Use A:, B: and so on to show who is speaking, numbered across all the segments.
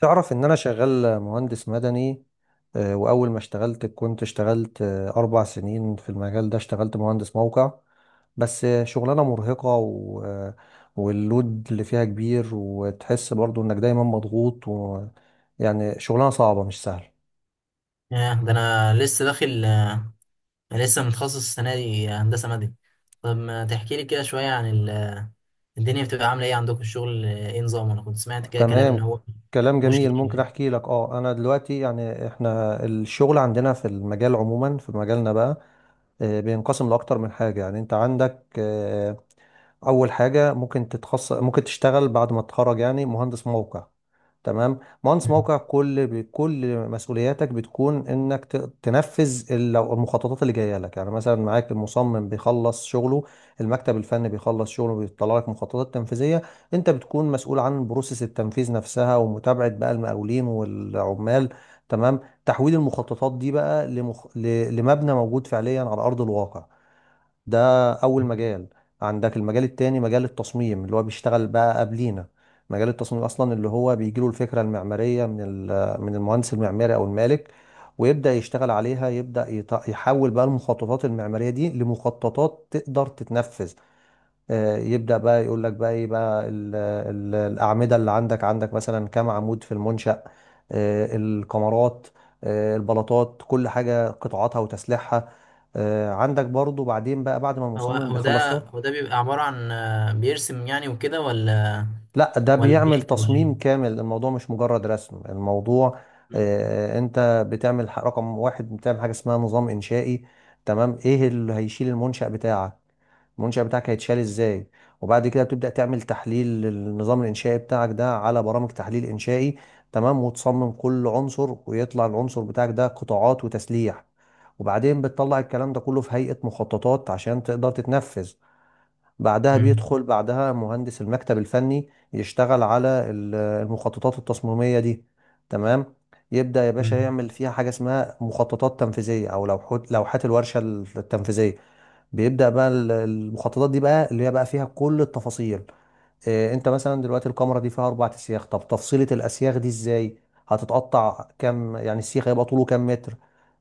A: تعرف ان انا شغال مهندس مدني. واول ما اشتغلت كنت اشتغلت اربع سنين في المجال ده اشتغلت مهندس موقع. بس شغلانة مرهقة و... آه، واللود اللي فيها كبير، وتحس برضو انك دايما مضغوط. يعني شغلانة صعبة مش سهلة.
B: ياه ده انا لسه داخل. انا لسه متخصص السنه دي هندسه مدني. طب ما تحكي لي كده شويه عن ال... آه، الدنيا بتبقى عامله ايه عندكم؟ الشغل ايه نظامه؟ انا كنت سمعت كده كلام ان
A: تمام،
B: هو
A: كلام
B: مفهوش
A: جميل، ممكن
B: كتير.
A: احكي لك. اه انا دلوقتي يعني احنا الشغل عندنا في المجال عموما، في مجالنا بقى بينقسم لاكتر من حاجة. يعني انت عندك اول حاجه ممكن تتخصص، ممكن تشتغل بعد ما تتخرج يعني مهندس موقع. تمام، مهندس
B: مم.
A: موقع كل مسؤولياتك بتكون انك تنفذ لو المخططات اللي جايه لك. يعني مثلا معاك المصمم بيخلص شغله، المكتب الفني بيخلص شغله بيطلع لك مخططات تنفيذيه. انت بتكون مسؤول عن بروسيس التنفيذ نفسها، ومتابعه بقى المقاولين والعمال. تمام، تحويل المخططات دي بقى لمبنى موجود فعليا على ارض الواقع. ده اول مجال. عندك المجال التاني، مجال التصميم اللي هو بيشتغل بقى قبلينا. مجال التصميم اصلا اللي هو بيجيله الفكره المعماريه من المهندس المعماري او المالك، ويبدا يشتغل عليها، يبدا يحول بقى المخططات المعماريه دي لمخططات تقدر تتنفذ. يبدأ بقى يقول لك بقى ايه بقى الأعمدة اللي عندك، عندك مثلا كام عمود في المنشأ، الكمرات، البلاطات، كل حاجة قطاعاتها وتسليحها. عندك برضو بعدين بقى بعد ما
B: هو
A: المصمم
B: هو
A: بيخلص
B: ده
A: يوم.
B: هو ده بيبقى عباره عن بيرسم يعني وكده، ولا
A: لا، ده
B: ولا
A: بيعمل
B: بيكتب، ولا
A: تصميم
B: ايه؟
A: كامل، الموضوع مش مجرد رسم الموضوع.
B: مم.
A: انت بتعمل رقم واحد بتعمل حاجة اسمها نظام إنشائي. تمام، ايه اللي هيشيل المنشأ بتاعك، المنشأ بتاعك هيتشال ازاي. وبعد كده بتبدأ تعمل تحليل للنظام الإنشائي بتاعك ده على برامج تحليل إنشائي. تمام، وتصمم كل عنصر، ويطلع العنصر بتاعك ده قطاعات وتسليح. وبعدين بتطلع الكلام ده كله في هيئة مخططات عشان تقدر تتنفذ. بعدها
B: مم.
A: بيدخل بعدها مهندس المكتب الفني يشتغل على المخططات التصميمية دي. تمام، يبدأ يا باشا
B: مم.
A: يعمل فيها حاجة اسمها مخططات تنفيذية، أو لوحات الورشة التنفيذية. بيبدأ بقى المخططات دي بقى اللي هي بقى فيها كل التفاصيل. إيه، انت مثلا دلوقتي الكاميرا دي فيها اربع اسياخ، طب تفصيلة الاسياخ دي ازاي، هتتقطع كام، يعني السيخ هيبقى طوله كام متر.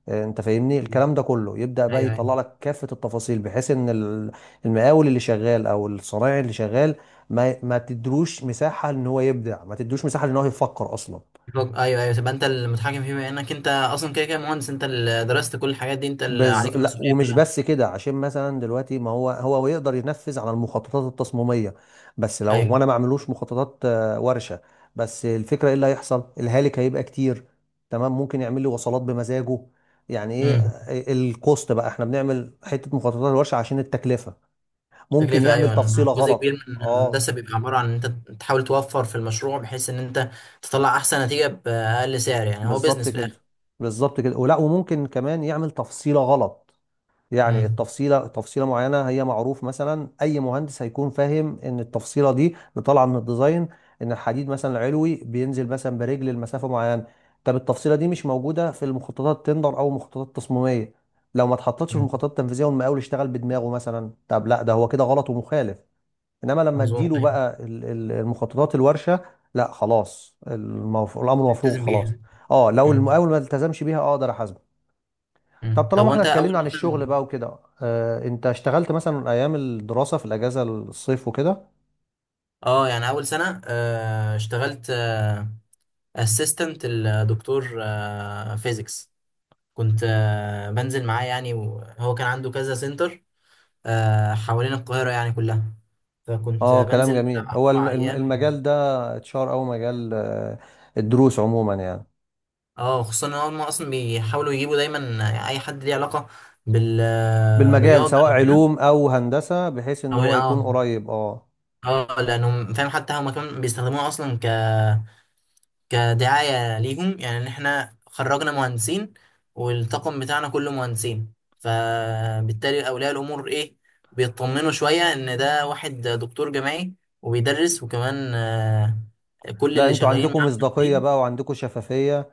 A: إيه، انت فاهمني، الكلام ده كله يبدأ بقى
B: ايوه
A: يطلع
B: ايوه
A: لك كافة التفاصيل بحيث ان المقاول اللي شغال او الصنايعي اللي شغال ما تدروش مساحة ان هو يبدع، ما تدروش مساحة ان هو يفكر اصلا.
B: ايوه ايوه، تبقى انت المتحكم فيه، بما انك انت اصلا كده كده مهندس، انت اللي درست كل الحاجات دي، انت اللي عليك
A: لا،
B: المسؤوليه
A: ومش
B: كلها.
A: بس كده، عشان مثلا دلوقتي ما هو هو يقدر ينفذ على المخططات التصميميه، بس لو
B: ايوه.
A: وانا ما اعملوش مخططات ورشه، بس الفكره ايه اللي هيحصل، الهالك هيبقى كتير. تمام، ممكن يعمل لي وصلات بمزاجه، يعني ايه
B: مم.
A: الكوست بقى، احنا بنعمل حته مخططات الورشه عشان التكلفه. ممكن
B: تكلفة،
A: يعمل
B: أيوة، إن
A: تفصيله
B: جزء
A: غلط.
B: كبير من
A: اه،
B: الهندسة بيبقى عبارة عن إن أنت تحاول توفر في المشروع، بحيث إن أنت تطلع أحسن نتيجة بأقل سعر. يعني هو
A: بالظبط
B: بيزنس في
A: كده،
B: الآخر.
A: بالظبط كده، ولا وممكن كمان يعمل تفصيله غلط. يعني
B: مم.
A: التفصيله، تفصيله معينه هي معروف مثلا اي مهندس هيكون فاهم ان التفصيله دي اللي طالعه من الديزاين، ان الحديد مثلا العلوي بينزل مثلا برجل لمسافه معينه. طب التفصيله دي مش موجوده في المخططات التندر او المخططات التصميميه، لو ما اتحطتش في
B: مم.
A: المخططات التنفيذيه والمقاول اشتغل بدماغه مثلا، طب لا، ده هو كده غلط ومخالف. انما لما
B: مظبوط،
A: اديله
B: أيوة.
A: بقى المخططات الورشه، لا خلاص، الامر مفروغ
B: التزم
A: خلاص.
B: بيها.
A: اه لو
B: مم.
A: المقاول ما التزمش بيها اقدر احاسبه. طب
B: مم. طب
A: طالما احنا
B: وأنت أول
A: اتكلمنا عن الشغل
B: مثلا.
A: بقى وكده، اه انت اشتغلت مثلا ايام الدراسة في الاجازة الصيف وكده.
B: أه يعني أول سنة اشتغلت أسيستنت الدكتور فيزيكس. كنت بنزل معاه يعني، وهو كان عنده كذا سنتر حوالين القاهرة يعني كلها. فكنت
A: اه كلام
B: بنزل بتاع
A: جميل، هو
B: أربع أيام.
A: المجال ده اتشهر او مجال اه الدروس عموما يعني،
B: اه، خصوصا ان هم اصلا بيحاولوا يجيبوا دايما اي حد ليه علاقه
A: بالمجال
B: بالرياضه
A: سواء
B: او كده.
A: علوم او هندسة بحيث ان
B: او
A: هو
B: اه،
A: يكون قريب اه.
B: اه، لانهم فاهم حتى هم كمان بيستخدموها اصلا ك كدعايه ليهم، يعني ان احنا خرجنا مهندسين والطاقم بتاعنا كله مهندسين، فبالتالي اولياء الامور ايه، بيطمنوا شويه ان ده واحد دكتور جامعي وبيدرس، وكمان كل
A: لا،
B: اللي
A: انتوا
B: شغالين
A: عندكم
B: معاه
A: مصداقية بقى،
B: مهندسين.
A: وعندكم شفافية،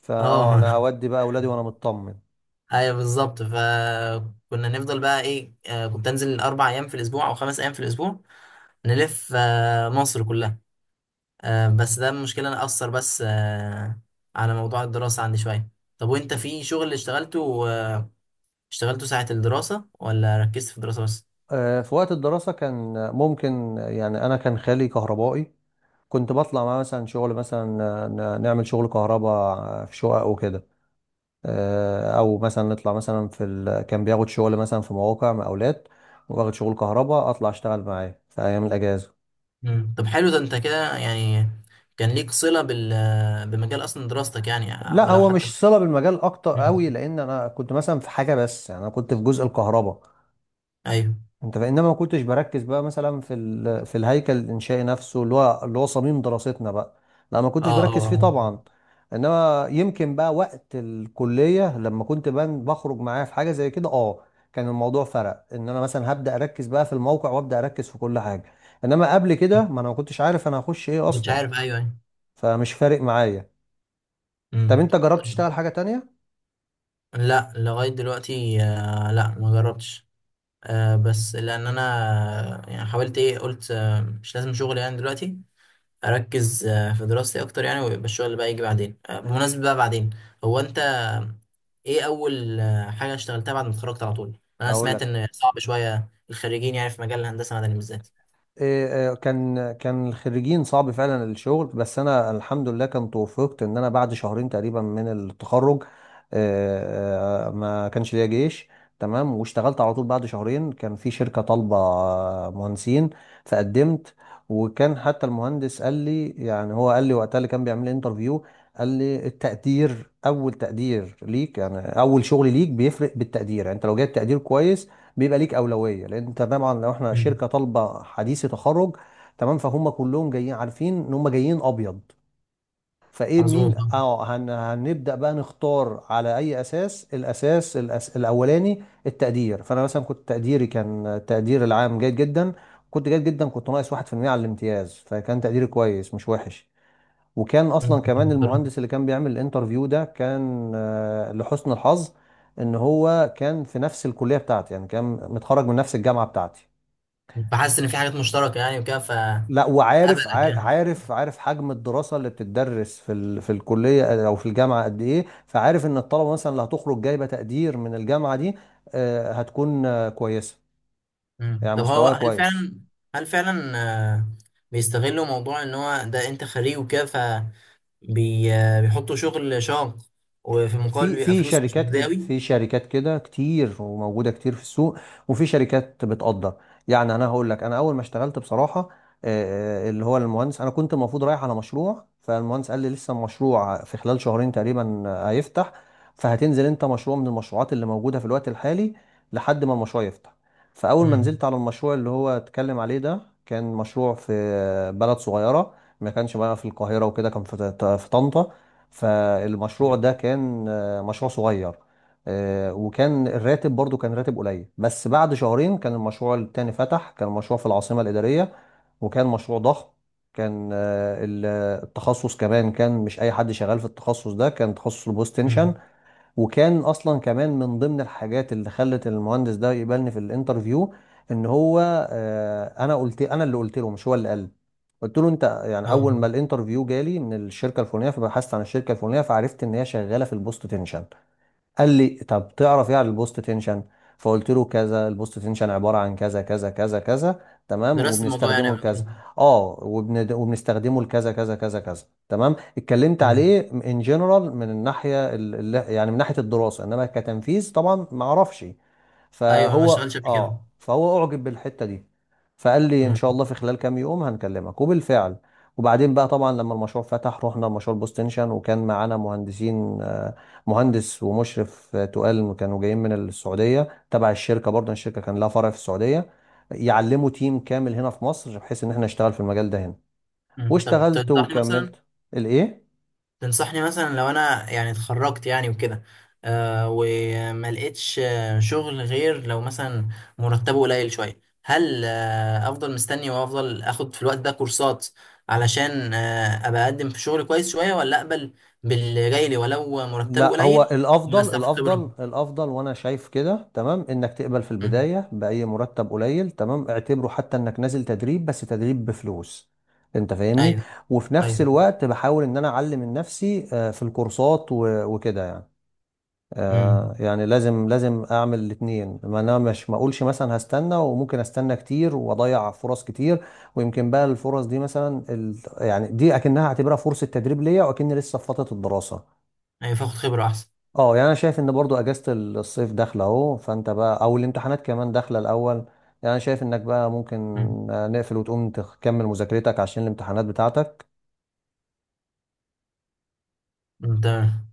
A: فاه
B: اه.
A: انا اودي بقى اولادي وانا مطمن.
B: ايوه بالظبط. فكنا نفضل بقى ايه، كنت انزل اربع ايام في الاسبوع او خمس ايام في الاسبوع، نلف مصر كلها. بس ده المشكله انا اثر بس على موضوع الدراسه عندي شويه. طب وانت في شغل اشتغلته اشتغلته ساعه الدراسه، ولا ركزت في الدراسه بس؟
A: اه في وقت الدراسة كان ممكن، يعني انا كان خالي كهربائي، كنت بطلع معاه مثلا شغل مثلا، نعمل شغل كهرباء في شقق وكده. او مثلا نطلع مثلا كان بياخد شغل مثلا في مواقع مقاولات، واخد شغل كهرباء، اطلع اشتغل معاه في ايام الاجازه.
B: مم. طب حلو، ده انت كده يعني كان ليك صله بال بمجال اصلا دراستك يعني.
A: لا
B: ولو
A: هو
B: حتى.
A: مش صله بالمجال اكتر
B: مم.
A: قوي، لان انا كنت مثلا في حاجه، بس يعني انا كنت في جزء الكهرباء
B: ايوه.
A: انت فانما ما كنتش بركز بقى مثلا في الهيكل الانشائي نفسه اللي هو صميم دراستنا بقى. لا ما
B: اه
A: كنتش
B: اه
A: بركز فيه
B: آه.
A: طبعا. انما يمكن بقى وقت الكليه لما كنت بان بخرج معاه في حاجه زي كده، اه كان الموضوع فرق ان انا مثلا هبدا اركز بقى في الموقع وابدا اركز في كل حاجه. انما قبل كده ما انا ما كنتش عارف انا هخش ايه
B: مش
A: اصلا،
B: عارف، ايوه ايوه.
A: فمش فارق معايا. طب
B: مم.
A: انت جربت
B: طيب.
A: تشتغل حاجه تانية؟
B: لا، لغاية دلوقتي لا ما جربتش. بس لأن أنا يعني حاولت إيه، قلت مش لازم شغل يعني دلوقتي، أركز في دراستي أكتر يعني، ويبقى الشغل بقى يجي بعدين. بمناسبة بقى بعدين، هو أنت إيه أول حاجة اشتغلتها بعد ما اتخرجت على طول؟ أنا
A: اقول
B: سمعت
A: لك
B: إن صعب شوية الخريجين يعني في مجال الهندسة المدني بالذات.
A: إيه، كان الخريجين صعب فعلا الشغل، بس انا الحمد لله كان توفقت ان انا بعد شهرين تقريبا من التخرج، ما كانش ليا جيش. تمام، واشتغلت على طول، بعد شهرين كان في شركة طالبة مهندسين، فقدمت. وكان حتى المهندس قال لي، يعني هو قال لي وقتها اللي كان بيعمل لي انترفيو، قال لي التقدير، اول تقدير ليك يعني اول شغل ليك بيفرق بالتقدير. يعني انت لو جايب تقدير كويس بيبقى ليك اولويه، لان انت طبعا لو احنا
B: مم.
A: شركه طالبه حديثي تخرج، تمام، فهم كلهم جايين عارفين ان هم جايين ابيض. فايه
B: مظبوط
A: مين
B: آه.
A: اه هنبدا بقى نختار على اي اساس، الاساس الاولاني التقدير. فانا مثلا كنت تقديري، كان التقدير العام جيد جدا، كنت جيد جدا، كنت ناقص 1% على الامتياز، فكان تقديري كويس مش وحش. وكان اصلا
B: مم.
A: كمان المهندس اللي كان بيعمل الانترفيو ده كان لحسن الحظ ان هو كان في نفس الكليه بتاعتي، يعني كان متخرج من نفس الجامعه بتاعتي.
B: فحاسس إن في حاجات مشتركة يعني وكده
A: لا،
B: فقبلك يعني.
A: عارف، عارف حجم الدراسه اللي بتدرس في الكليه او في الجامعه قد ايه، فعارف ان الطلبه مثلا اللي هتخرج جايبه تقدير من الجامعه دي هتكون كويسه،
B: مم.
A: يعني
B: طب هو
A: مستواها
B: هل
A: كويس.
B: فعلا هل فعلا آه، بيستغلوا موضوع ان هو ده انت خريج وكده، فبيحطوا شغل شاق وفي المقابل
A: في
B: بيبقى
A: في
B: فلوس مش
A: شركات كده،
B: مجداوي؟
A: في شركات كده كتير وموجوده كتير في السوق، وفي شركات بتقدر. يعني انا هقول لك، انا اول ما اشتغلت بصراحه، اللي هو المهندس، انا كنت المفروض رايح على مشروع، فالمهندس قال لي لسه المشروع في خلال شهرين تقريبا هيفتح، فهتنزل انت مشروع من المشروعات اللي موجوده في الوقت الحالي لحد ما المشروع يفتح. فاول ما نزلت
B: امم.
A: على المشروع اللي هو اتكلم عليه ده، كان مشروع في بلد صغيره، ما كانش بقى في القاهره وكده، كان في في طنطا. فالمشروع ده كان مشروع صغير، وكان الراتب برضو كان راتب قليل. بس بعد شهرين كان المشروع التاني فتح، كان مشروع في العاصمة الإدارية، وكان مشروع ضخم. كان التخصص كمان كان مش أي حد شغال في التخصص ده، كان تخصص البوست تنشن.
B: امم.
A: وكان أصلا كمان من ضمن الحاجات اللي خلت المهندس ده يقبلني في الانترفيو إن هو أنا قلت، أنا اللي قلت له، مش هو اللي قال. قلت له انت يعني
B: اه،
A: اول ما الانترفيو جالي من الشركه الفلانيه، فبحثت عن الشركه الفلانيه فعرفت ان هي شغاله في البوست تنشن. قال لي طب تعرف ايه عن البوست تنشن؟ فقلت له كذا، البوست تنشن عباره عن كذا كذا كذا كذا، تمام،
B: درست الموضوع يعني
A: وبنستخدمه
B: قبل
A: لكذا.
B: كده.
A: اه وبنستخدمه لكذا كذا كذا كذا، تمام. اتكلمت
B: مم.
A: عليه ان جنرال من الناحيه ال... ال- يعني من ناحيه الدراسه، انما كتنفيذ طبعا ما اعرفش.
B: ايوه، ما اشتغلتش قبل كده.
A: فهو اعجب بالحته دي، فقال لي ان شاء
B: مم.
A: الله في خلال كام يوم هنكلمك، وبالفعل. وبعدين بقى طبعا لما المشروع فتح رحنا مشروع بوستنشن، وكان معانا مهندسين مهندس ومشرف تقال، كانوا جايين من السعودية تبع الشركة برضه، يعني الشركة كان لها فرع في السعودية، يعلموا تيم كامل هنا في مصر بحيث ان احنا نشتغل في المجال ده هنا.
B: مم. طب
A: واشتغلت
B: تنصحني مثلا
A: وكملت. الايه؟
B: تنصحني مثلا لو انا يعني اتخرجت يعني وكده، وما لقيتش شغل غير لو مثلا مرتبه قليل شويه، هل افضل مستني وافضل اخد في الوقت ده كورسات علشان ابقى اقدم في شغل كويس شويه، ولا اقبل باللي جاي لي ولو مرتبه
A: لا هو
B: قليل؟
A: الافضل،
B: واستفاد خبره.
A: الافضل الافضل، وانا شايف كده، تمام، انك تقبل في
B: مم.
A: البداية بأي مرتب قليل، تمام، اعتبره حتى انك نازل تدريب، بس تدريب بفلوس، انت فاهمني.
B: ايوه
A: وفي نفس
B: ايوه.
A: الوقت بحاول ان انا اعلم من نفسي في الكورسات وكده يعني.
B: امم.
A: آه يعني لازم اعمل الاثنين، ما انا مش ما اقولش مثلا هستنى، وممكن استنى كتير واضيع فرص كتير. ويمكن بقى الفرص دي مثلا يعني دي اكنها هعتبرها فرصه تدريب ليا، واكني لسه في فتره الدراسه.
B: ايوه، فاخد خبره احسن.
A: اه، يعني انا شايف ان برضو اجازه الصيف داخله اهو، فانت بقى او الامتحانات كمان داخله الاول يعني، انا شايف انك بقى ممكن
B: امم.
A: نقفل، وتقوم تكمل مذاكرتك عشان الامتحانات بتاعتك.
B: تمام.